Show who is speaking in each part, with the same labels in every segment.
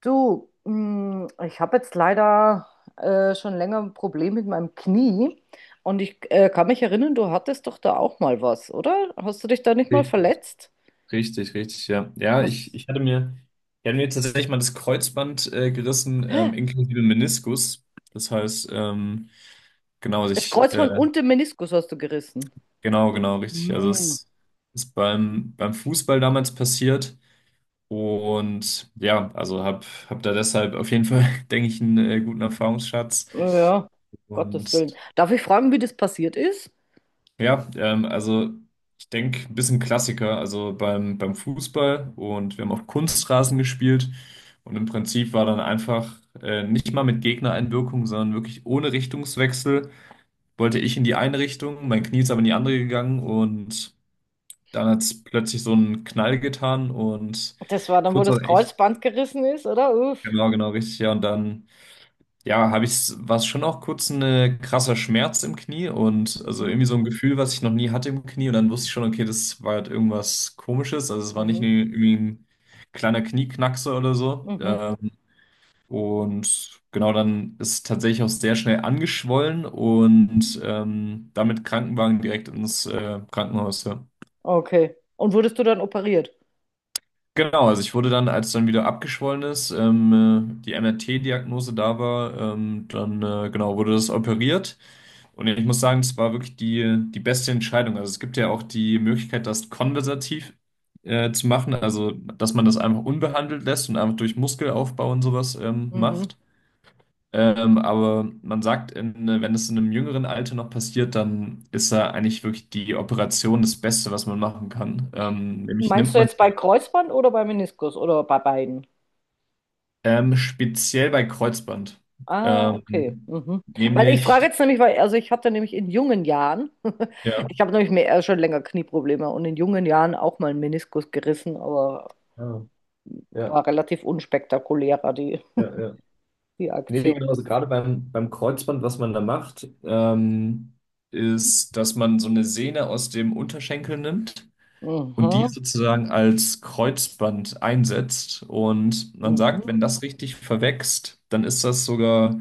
Speaker 1: Du, ich habe jetzt leider schon länger ein Problem mit meinem Knie und ich kann mich erinnern, du hattest doch da auch mal was, oder? Hast du dich da nicht mal
Speaker 2: Richtig,
Speaker 1: verletzt?
Speaker 2: richtig, richtig, ja. Ja, ich,
Speaker 1: Was?
Speaker 2: ich hatte mir, ich hatte mir tatsächlich mal das Kreuzband gerissen, inklusive Meniskus. Das heißt, genau, also
Speaker 1: Das Kreuzband und den Meniskus hast du gerissen.
Speaker 2: genau, genau, richtig. Also
Speaker 1: Hm,
Speaker 2: es ist beim Fußball damals passiert. Und ja, also hab da deshalb auf jeden Fall, denke ich, einen guten Erfahrungsschatz.
Speaker 1: ja, Gottes Willen.
Speaker 2: Und
Speaker 1: Darf ich fragen, wie das passiert ist?
Speaker 2: ja, also ich denke, ein bisschen Klassiker, also beim Fußball und wir haben auf Kunstrasen gespielt und im Prinzip war dann einfach nicht mal mit Gegnereinwirkung, sondern wirklich ohne Richtungswechsel wollte ich in die eine Richtung, mein Knie ist aber in die andere gegangen und dann hat es plötzlich so einen Knall getan und
Speaker 1: Das war dann, wo
Speaker 2: kurz nach,
Speaker 1: das
Speaker 2: ich,
Speaker 1: Kreuzband gerissen ist, oder? Uff.
Speaker 2: genau, genau, richtig, ja, und dann ja, war es schon auch kurz ein krasser Schmerz im Knie und also
Speaker 1: Mhm,
Speaker 2: irgendwie so ein Gefühl, was ich noch nie hatte im Knie. Und dann wusste ich schon, okay, das war halt irgendwas Komisches. Also es war nicht
Speaker 1: mhm,
Speaker 2: nur irgendwie ein kleiner Knieknackser oder so.
Speaker 1: mhm.
Speaker 2: Und genau, dann ist es tatsächlich auch sehr schnell angeschwollen und damit Krankenwagen direkt ins Krankenhaus. Ja.
Speaker 1: Okay. Und wurdest du dann operiert?
Speaker 2: Genau, also ich wurde dann, als dann wieder abgeschwollen ist, die MRT-Diagnose da war, dann genau wurde das operiert. Und ich muss sagen, es war wirklich die beste Entscheidung. Also es gibt ja auch die Möglichkeit, das konversativ zu machen, also dass man das einfach unbehandelt lässt und einfach durch Muskelaufbau und sowas
Speaker 1: Mhm.
Speaker 2: macht. Aber man sagt, wenn es in einem jüngeren Alter noch passiert, dann ist da eigentlich wirklich die Operation das Beste, was man machen kann. Nämlich
Speaker 1: Meinst
Speaker 2: nimmt
Speaker 1: du
Speaker 2: man
Speaker 1: jetzt bei Kreuzband oder bei Meniskus oder bei beiden?
Speaker 2: speziell bei Kreuzband.
Speaker 1: Ah, okay.
Speaker 2: Ähm,
Speaker 1: Mhm. Weil ich frage
Speaker 2: nämlich,
Speaker 1: jetzt nämlich, weil, also ich hatte nämlich in jungen Jahren,
Speaker 2: ja.
Speaker 1: ich habe nämlich mehr, schon länger Knieprobleme und in jungen Jahren auch mal einen Meniskus gerissen, aber
Speaker 2: Ah, ja,
Speaker 1: war relativ unspektakulärer, die,
Speaker 2: ja, ja.
Speaker 1: die
Speaker 2: Nee, nee,
Speaker 1: Aktion.
Speaker 2: genau, also gerade beim Kreuzband, was man da macht, ist, dass man so eine Sehne aus dem Unterschenkel nimmt und die
Speaker 1: Mhm.
Speaker 2: sozusagen als Kreuzband einsetzt. Und man sagt, wenn
Speaker 1: Mhm.
Speaker 2: das richtig verwächst, dann ist das sogar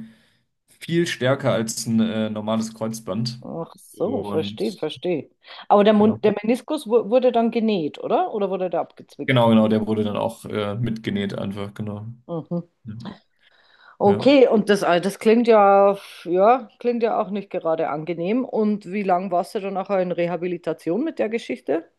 Speaker 2: viel stärker als ein normales Kreuzband.
Speaker 1: Ach so, verstehe,
Speaker 2: Und
Speaker 1: verstehe. Aber der
Speaker 2: genau,
Speaker 1: Mund, der Meniskus wurde dann genäht, oder? Oder wurde der
Speaker 2: genau,
Speaker 1: abgezwickt?
Speaker 2: genau, der wurde dann auch mitgenäht einfach, genau.
Speaker 1: Mhm.
Speaker 2: Ja. Ja.
Speaker 1: Okay, und das klingt ja, ja, klingt ja auch nicht gerade angenehm. Und wie lang warst du dann nachher in Rehabilitation mit der Geschichte?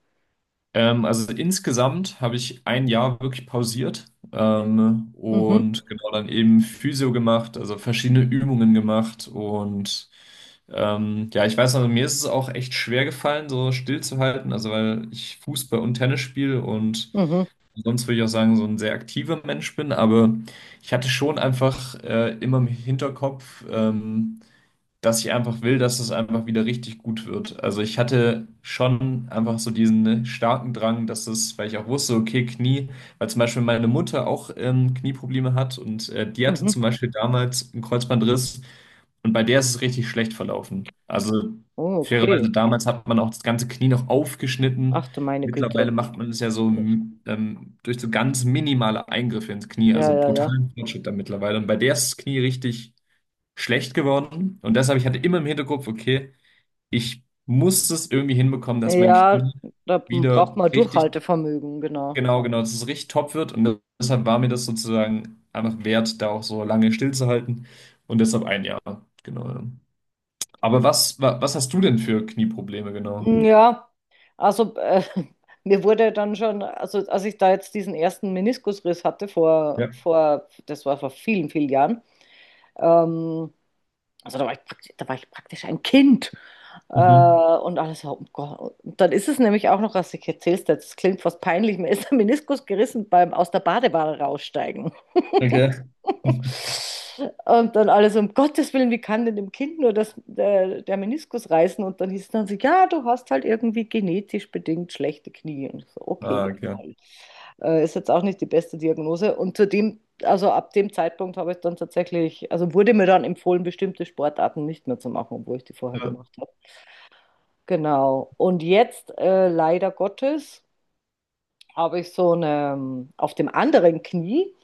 Speaker 2: Also insgesamt habe ich ein Jahr wirklich pausiert
Speaker 1: Mhm,
Speaker 2: und genau dann eben Physio gemacht, also verschiedene Übungen gemacht und ja, ich weiß noch, mir ist es auch echt schwer gefallen, so stillzuhalten, also weil ich Fußball und Tennis spiele und
Speaker 1: mhm,
Speaker 2: sonst würde ich auch sagen, so ein sehr aktiver Mensch bin, aber ich hatte schon einfach immer im Hinterkopf, dass ich einfach will, dass es einfach wieder richtig gut wird. Also ich hatte schon einfach so diesen ne, starken Drang, dass es, weil ich auch wusste, okay, Knie, weil zum Beispiel meine Mutter auch Knieprobleme hat und die hatte
Speaker 1: mhm.
Speaker 2: zum Beispiel damals einen Kreuzbandriss und bei der ist es richtig schlecht verlaufen. Also
Speaker 1: Oh,
Speaker 2: fairerweise
Speaker 1: okay.
Speaker 2: damals hat man auch das ganze Knie noch aufgeschnitten.
Speaker 1: Ach du meine
Speaker 2: Mittlerweile
Speaker 1: Güte.
Speaker 2: macht man es ja so
Speaker 1: Ja,
Speaker 2: durch so ganz minimale Eingriffe ins Knie,
Speaker 1: ja,
Speaker 2: also
Speaker 1: ja.
Speaker 2: brutalen Fortschritt da mittlerweile. Und bei der ist das Knie richtig schlecht geworden. Und deshalb, ich hatte immer im Hinterkopf, okay, ich muss es irgendwie hinbekommen, dass mein
Speaker 1: Ja,
Speaker 2: Knie
Speaker 1: da
Speaker 2: wieder
Speaker 1: braucht man
Speaker 2: richtig,
Speaker 1: Durchhaltevermögen, genau.
Speaker 2: genau, genau, dass es richtig top wird. Und deshalb war mir das sozusagen einfach wert, da auch so lange stillzuhalten. Und deshalb ein Jahr, genau. Ja. Aber was hast du denn für Knieprobleme, genau?
Speaker 1: Hm, ja, also mir wurde dann schon, also als ich da jetzt diesen ersten Meniskusriss hatte vor,
Speaker 2: Ja.
Speaker 1: das war vor vielen, vielen Jahren, ähm, also da war ich praktisch ein Kind. Äh,
Speaker 2: Mhm.
Speaker 1: und alles, oh Gott. Und dann ist es nämlich auch noch, was ich erzählst, das klingt fast peinlich, mir ist der Meniskus gerissen beim aus der Badewanne raussteigen.
Speaker 2: Okay.
Speaker 1: Und dann alles, um Gottes Willen, wie kann denn dem Kind nur das, der Meniskus reißen? Und dann hieß es dann so, ja, du hast halt irgendwie genetisch bedingt schlechte Knie. Und ich so, okay,
Speaker 2: Ah,
Speaker 1: ja,
Speaker 2: okay.
Speaker 1: toll. Ist jetzt auch nicht die beste Diagnose. Und zudem, also ab dem Zeitpunkt habe ich dann tatsächlich, also wurde mir dann empfohlen, bestimmte Sportarten nicht mehr zu machen, obwohl ich die vorher
Speaker 2: Ja.
Speaker 1: gemacht habe. Genau. Und jetzt, leider Gottes, habe ich so eine, auf dem anderen Knie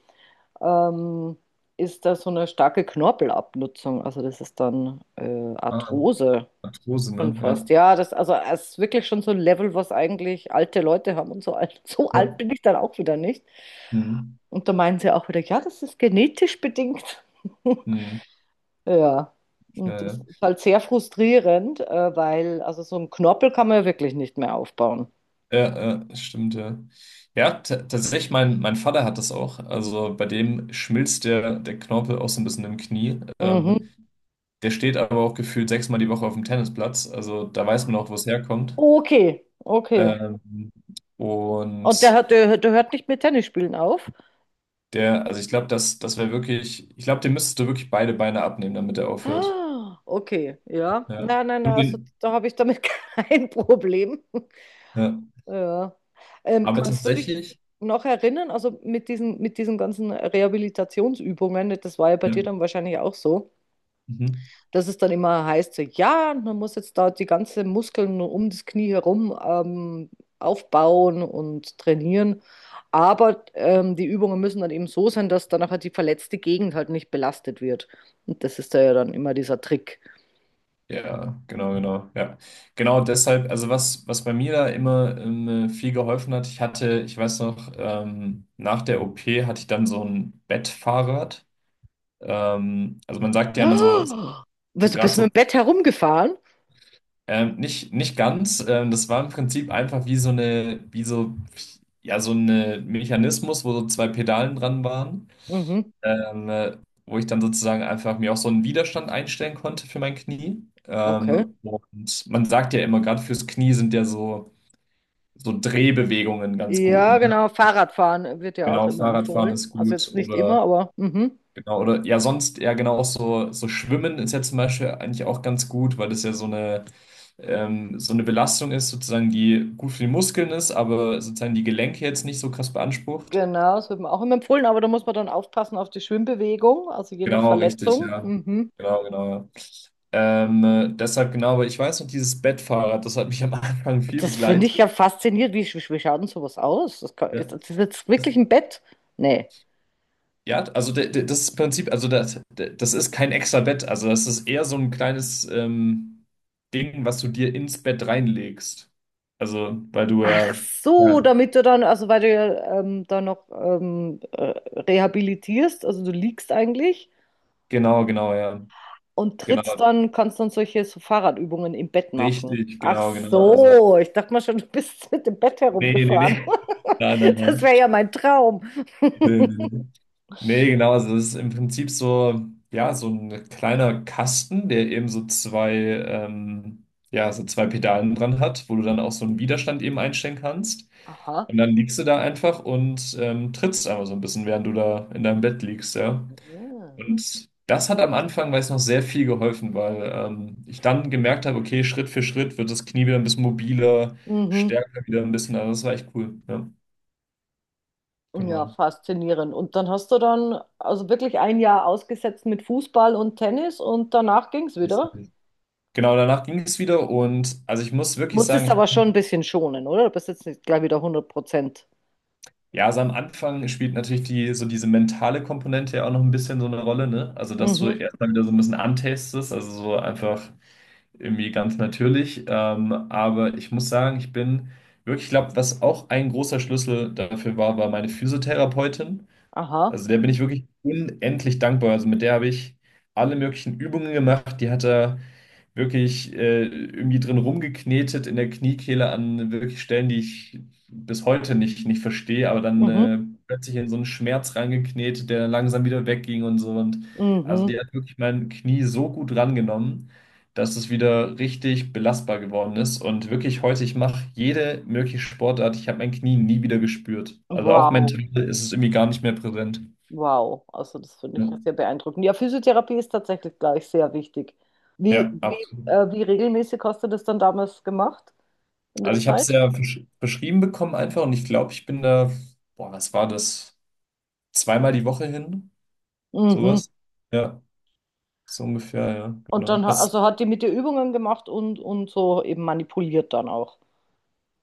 Speaker 1: ähm, ist da so eine starke Knorpelabnutzung. Also das ist dann
Speaker 2: Ah,
Speaker 1: Arthrose
Speaker 2: Arthrose,
Speaker 1: schon
Speaker 2: ne? Ja.
Speaker 1: fast. Ja, das, also es ist wirklich schon so ein Level, was eigentlich alte Leute haben und so alt. So
Speaker 2: Ja.
Speaker 1: alt bin ich dann auch wieder nicht.
Speaker 2: Mhm.
Speaker 1: Und da meinen sie auch wieder, ja, das ist genetisch bedingt.
Speaker 2: Mhm.
Speaker 1: Ja,
Speaker 2: Ja,
Speaker 1: und das
Speaker 2: ja.
Speaker 1: ist halt sehr frustrierend, weil also so einen Knorpel kann man ja wirklich nicht mehr aufbauen.
Speaker 2: Ja, ja, stimmt, ja. Ja, tatsächlich, mein Vater hat das auch. Also bei dem schmilzt der Knorpel auch so ein bisschen im Knie.
Speaker 1: Mhm.
Speaker 2: Der steht aber auch gefühlt sechsmal die Woche auf dem Tennisplatz. Also da weiß man auch, wo es herkommt.
Speaker 1: Okay, okay.
Speaker 2: Ähm,
Speaker 1: Und der,
Speaker 2: und
Speaker 1: der hört nicht mit Tennis spielen auf?
Speaker 2: also ich glaube, das wäre wirklich, ich glaube, dem müsstest du wirklich beide Beine abnehmen, damit er aufhört.
Speaker 1: Ah, okay, ja.
Speaker 2: Ja.
Speaker 1: Nein, nein, nein,
Speaker 2: Und
Speaker 1: also
Speaker 2: den,
Speaker 1: da habe ich damit kein Problem.
Speaker 2: ja.
Speaker 1: Ja.
Speaker 2: Aber
Speaker 1: Kannst du dich
Speaker 2: tatsächlich,
Speaker 1: noch erinnern, also mit diesen ganzen Rehabilitationsübungen, das war ja bei
Speaker 2: ja.
Speaker 1: dir dann wahrscheinlich auch so,
Speaker 2: Mhm.
Speaker 1: dass es dann immer heißt, so, ja, man muss jetzt da die ganzen Muskeln um das Knie herum aufbauen und trainieren. Aber die Übungen müssen dann eben so sein, dass dann halt die verletzte Gegend halt nicht belastet wird. Und das ist da ja dann immer dieser Trick.
Speaker 2: Ja, genau, genau, ja. Genau deshalb, also was bei mir da immer viel geholfen hat, ich weiß noch, nach der OP hatte ich dann so ein Bettfahrrad. Also man sagt ja immer so
Speaker 1: Ja, was,
Speaker 2: gerade
Speaker 1: bist du
Speaker 2: so,
Speaker 1: mit dem Bett herumgefahren?
Speaker 2: nicht ganz, das war im Prinzip einfach wie so eine, wie so, ja, so ein Mechanismus, wo so zwei Pedalen dran waren.
Speaker 1: Mhm,
Speaker 2: ähm, äh, wo ich dann sozusagen einfach mir auch so einen Widerstand einstellen konnte für mein Knie.
Speaker 1: okay.
Speaker 2: Und man sagt ja immer, gerade fürs Knie sind ja so Drehbewegungen ganz gut,
Speaker 1: Ja,
Speaker 2: ne?
Speaker 1: genau. Fahrradfahren wird ja auch
Speaker 2: Genau,
Speaker 1: immer
Speaker 2: Fahrradfahren
Speaker 1: empfohlen.
Speaker 2: ist
Speaker 1: Also
Speaker 2: gut
Speaker 1: jetzt nicht immer,
Speaker 2: oder
Speaker 1: aber mhm.
Speaker 2: genau, oder ja, sonst ja genau auch so Schwimmen ist ja zum Beispiel eigentlich auch ganz gut, weil das ja so eine Belastung ist, sozusagen, die gut für die Muskeln ist, aber sozusagen die Gelenke jetzt nicht so krass beansprucht.
Speaker 1: Genau, das wird mir auch immer empfohlen, aber da muss man dann aufpassen auf die Schwimmbewegung, also je nach
Speaker 2: Genau, richtig,
Speaker 1: Verletzung.
Speaker 2: ja.
Speaker 1: Mhm.
Speaker 2: Genau, genau, ja. Deshalb genau, aber ich weiß noch, dieses Bettfahrrad, das hat mich am Anfang viel
Speaker 1: Das finde ich
Speaker 2: begleitet.
Speaker 1: ja faszinierend. Wie, wie schaut denn sowas aus? Das kann,
Speaker 2: Ja,
Speaker 1: ist das jetzt
Speaker 2: das,
Speaker 1: wirklich ein Bett? Nee.
Speaker 2: ja, also das Prinzip, also das ist kein extra Bett, also das ist eher so ein kleines Ding, was du dir ins Bett reinlegst. Also, weil du
Speaker 1: Ach
Speaker 2: ja,
Speaker 1: so,
Speaker 2: ja,
Speaker 1: damit du dann, also weil du ja, da noch rehabilitierst, also du liegst eigentlich
Speaker 2: genau, genau, ja,
Speaker 1: und trittst
Speaker 2: genau,
Speaker 1: dann, kannst dann solche so Fahrradübungen im Bett machen.
Speaker 2: richtig,
Speaker 1: Ach
Speaker 2: genau, genau, also,
Speaker 1: so, ich dachte mal schon, du bist mit dem Bett
Speaker 2: nee, nee, nee,
Speaker 1: herumgefahren.
Speaker 2: nein, nein,
Speaker 1: Das
Speaker 2: nein,
Speaker 1: wäre ja mein Traum.
Speaker 2: nee, nee, nee. Nee, genau, also das ist im Prinzip so, ja, so ein kleiner Kasten, der eben so zwei Pedalen dran hat, wo du dann auch so einen Widerstand eben einstellen kannst.
Speaker 1: Aha.
Speaker 2: Und dann liegst du da einfach und trittst einfach so ein bisschen, während du da in deinem Bett liegst, ja.
Speaker 1: Ah.
Speaker 2: Und das hat am Anfang, weiß ich noch, sehr viel geholfen, weil ich dann gemerkt habe, okay, Schritt für Schritt wird das Knie wieder ein bisschen mobiler,
Speaker 1: Mhm.
Speaker 2: stärker wieder ein bisschen, also das war echt cool, ja,
Speaker 1: Ja,
Speaker 2: genau.
Speaker 1: faszinierend. Und dann hast du dann also wirklich ein Jahr ausgesetzt mit Fußball und Tennis und danach ging es wieder.
Speaker 2: Genau, danach ging es wieder und also ich muss wirklich sagen,
Speaker 1: Musstest aber schon ein bisschen schonen, oder? Du bist jetzt nicht gleich wieder 100%.
Speaker 2: ja, so am Anfang spielt natürlich so diese mentale Komponente ja auch noch ein bisschen so eine Rolle, ne? Also, dass du
Speaker 1: Mhm.
Speaker 2: erstmal wieder so ein bisschen antastest, also so einfach irgendwie ganz natürlich. Aber ich muss sagen, ich glaube, was auch ein großer Schlüssel dafür war, war meine Physiotherapeutin.
Speaker 1: Aha.
Speaker 2: Also der bin ich wirklich unendlich dankbar. Also mit der habe ich alle möglichen Übungen gemacht. Die hat er wirklich irgendwie drin rumgeknetet in der Kniekehle an wirklich Stellen, die ich bis heute nicht verstehe, aber dann
Speaker 1: Mhm.
Speaker 2: plötzlich in so einen Schmerz reingeknetet, der dann langsam wieder wegging und so. Und also
Speaker 1: Mhm.
Speaker 2: die hat wirklich mein Knie so gut rangenommen, dass es wieder richtig belastbar geworden ist. Und wirklich heute, ich mache jede mögliche Sportart. Ich habe mein Knie nie wieder gespürt. Also auch mental
Speaker 1: Wow.
Speaker 2: ist es irgendwie gar nicht mehr präsent.
Speaker 1: Wow. Also das finde
Speaker 2: Ja,
Speaker 1: ich ja sehr beeindruckend. Ja, Physiotherapie ist tatsächlich gleich sehr wichtig. Wie,
Speaker 2: ja,
Speaker 1: wie,
Speaker 2: absolut.
Speaker 1: Wie regelmäßig hast du das dann damals gemacht in
Speaker 2: Also
Speaker 1: der
Speaker 2: ich habe es
Speaker 1: Zeit?
Speaker 2: ja beschrieben bekommen einfach und ich glaube, ich bin da, boah, was war das? Zweimal die Woche hin,
Speaker 1: Mhm.
Speaker 2: sowas? Ja, so ungefähr, ja,
Speaker 1: Und
Speaker 2: genau.
Speaker 1: dann also hat die mit ihr Übungen gemacht und so eben manipuliert dann auch.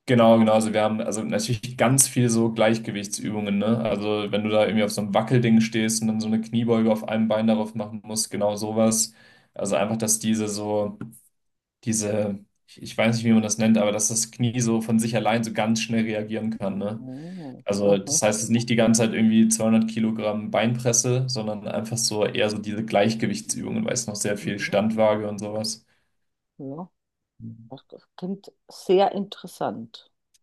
Speaker 2: Genau, genau. Also wir haben also natürlich ganz viel so Gleichgewichtsübungen, ne? Also wenn du da irgendwie auf so einem Wackelding stehst und dann so eine Kniebeuge auf einem Bein darauf machen musst, genau sowas. Also einfach, dass ich weiß nicht, wie man das nennt, aber dass das Knie so von sich allein so ganz schnell reagieren kann, ne?
Speaker 1: Ah,
Speaker 2: Also
Speaker 1: aha.
Speaker 2: das heißt, es ist nicht die ganze Zeit irgendwie 200 Kilogramm Beinpresse, sondern einfach so eher so diese Weißgewichtsübungen, weißt du, noch sehr viel
Speaker 1: Mhm.
Speaker 2: Standwaage und sowas.
Speaker 1: Ja, das klingt sehr interessant.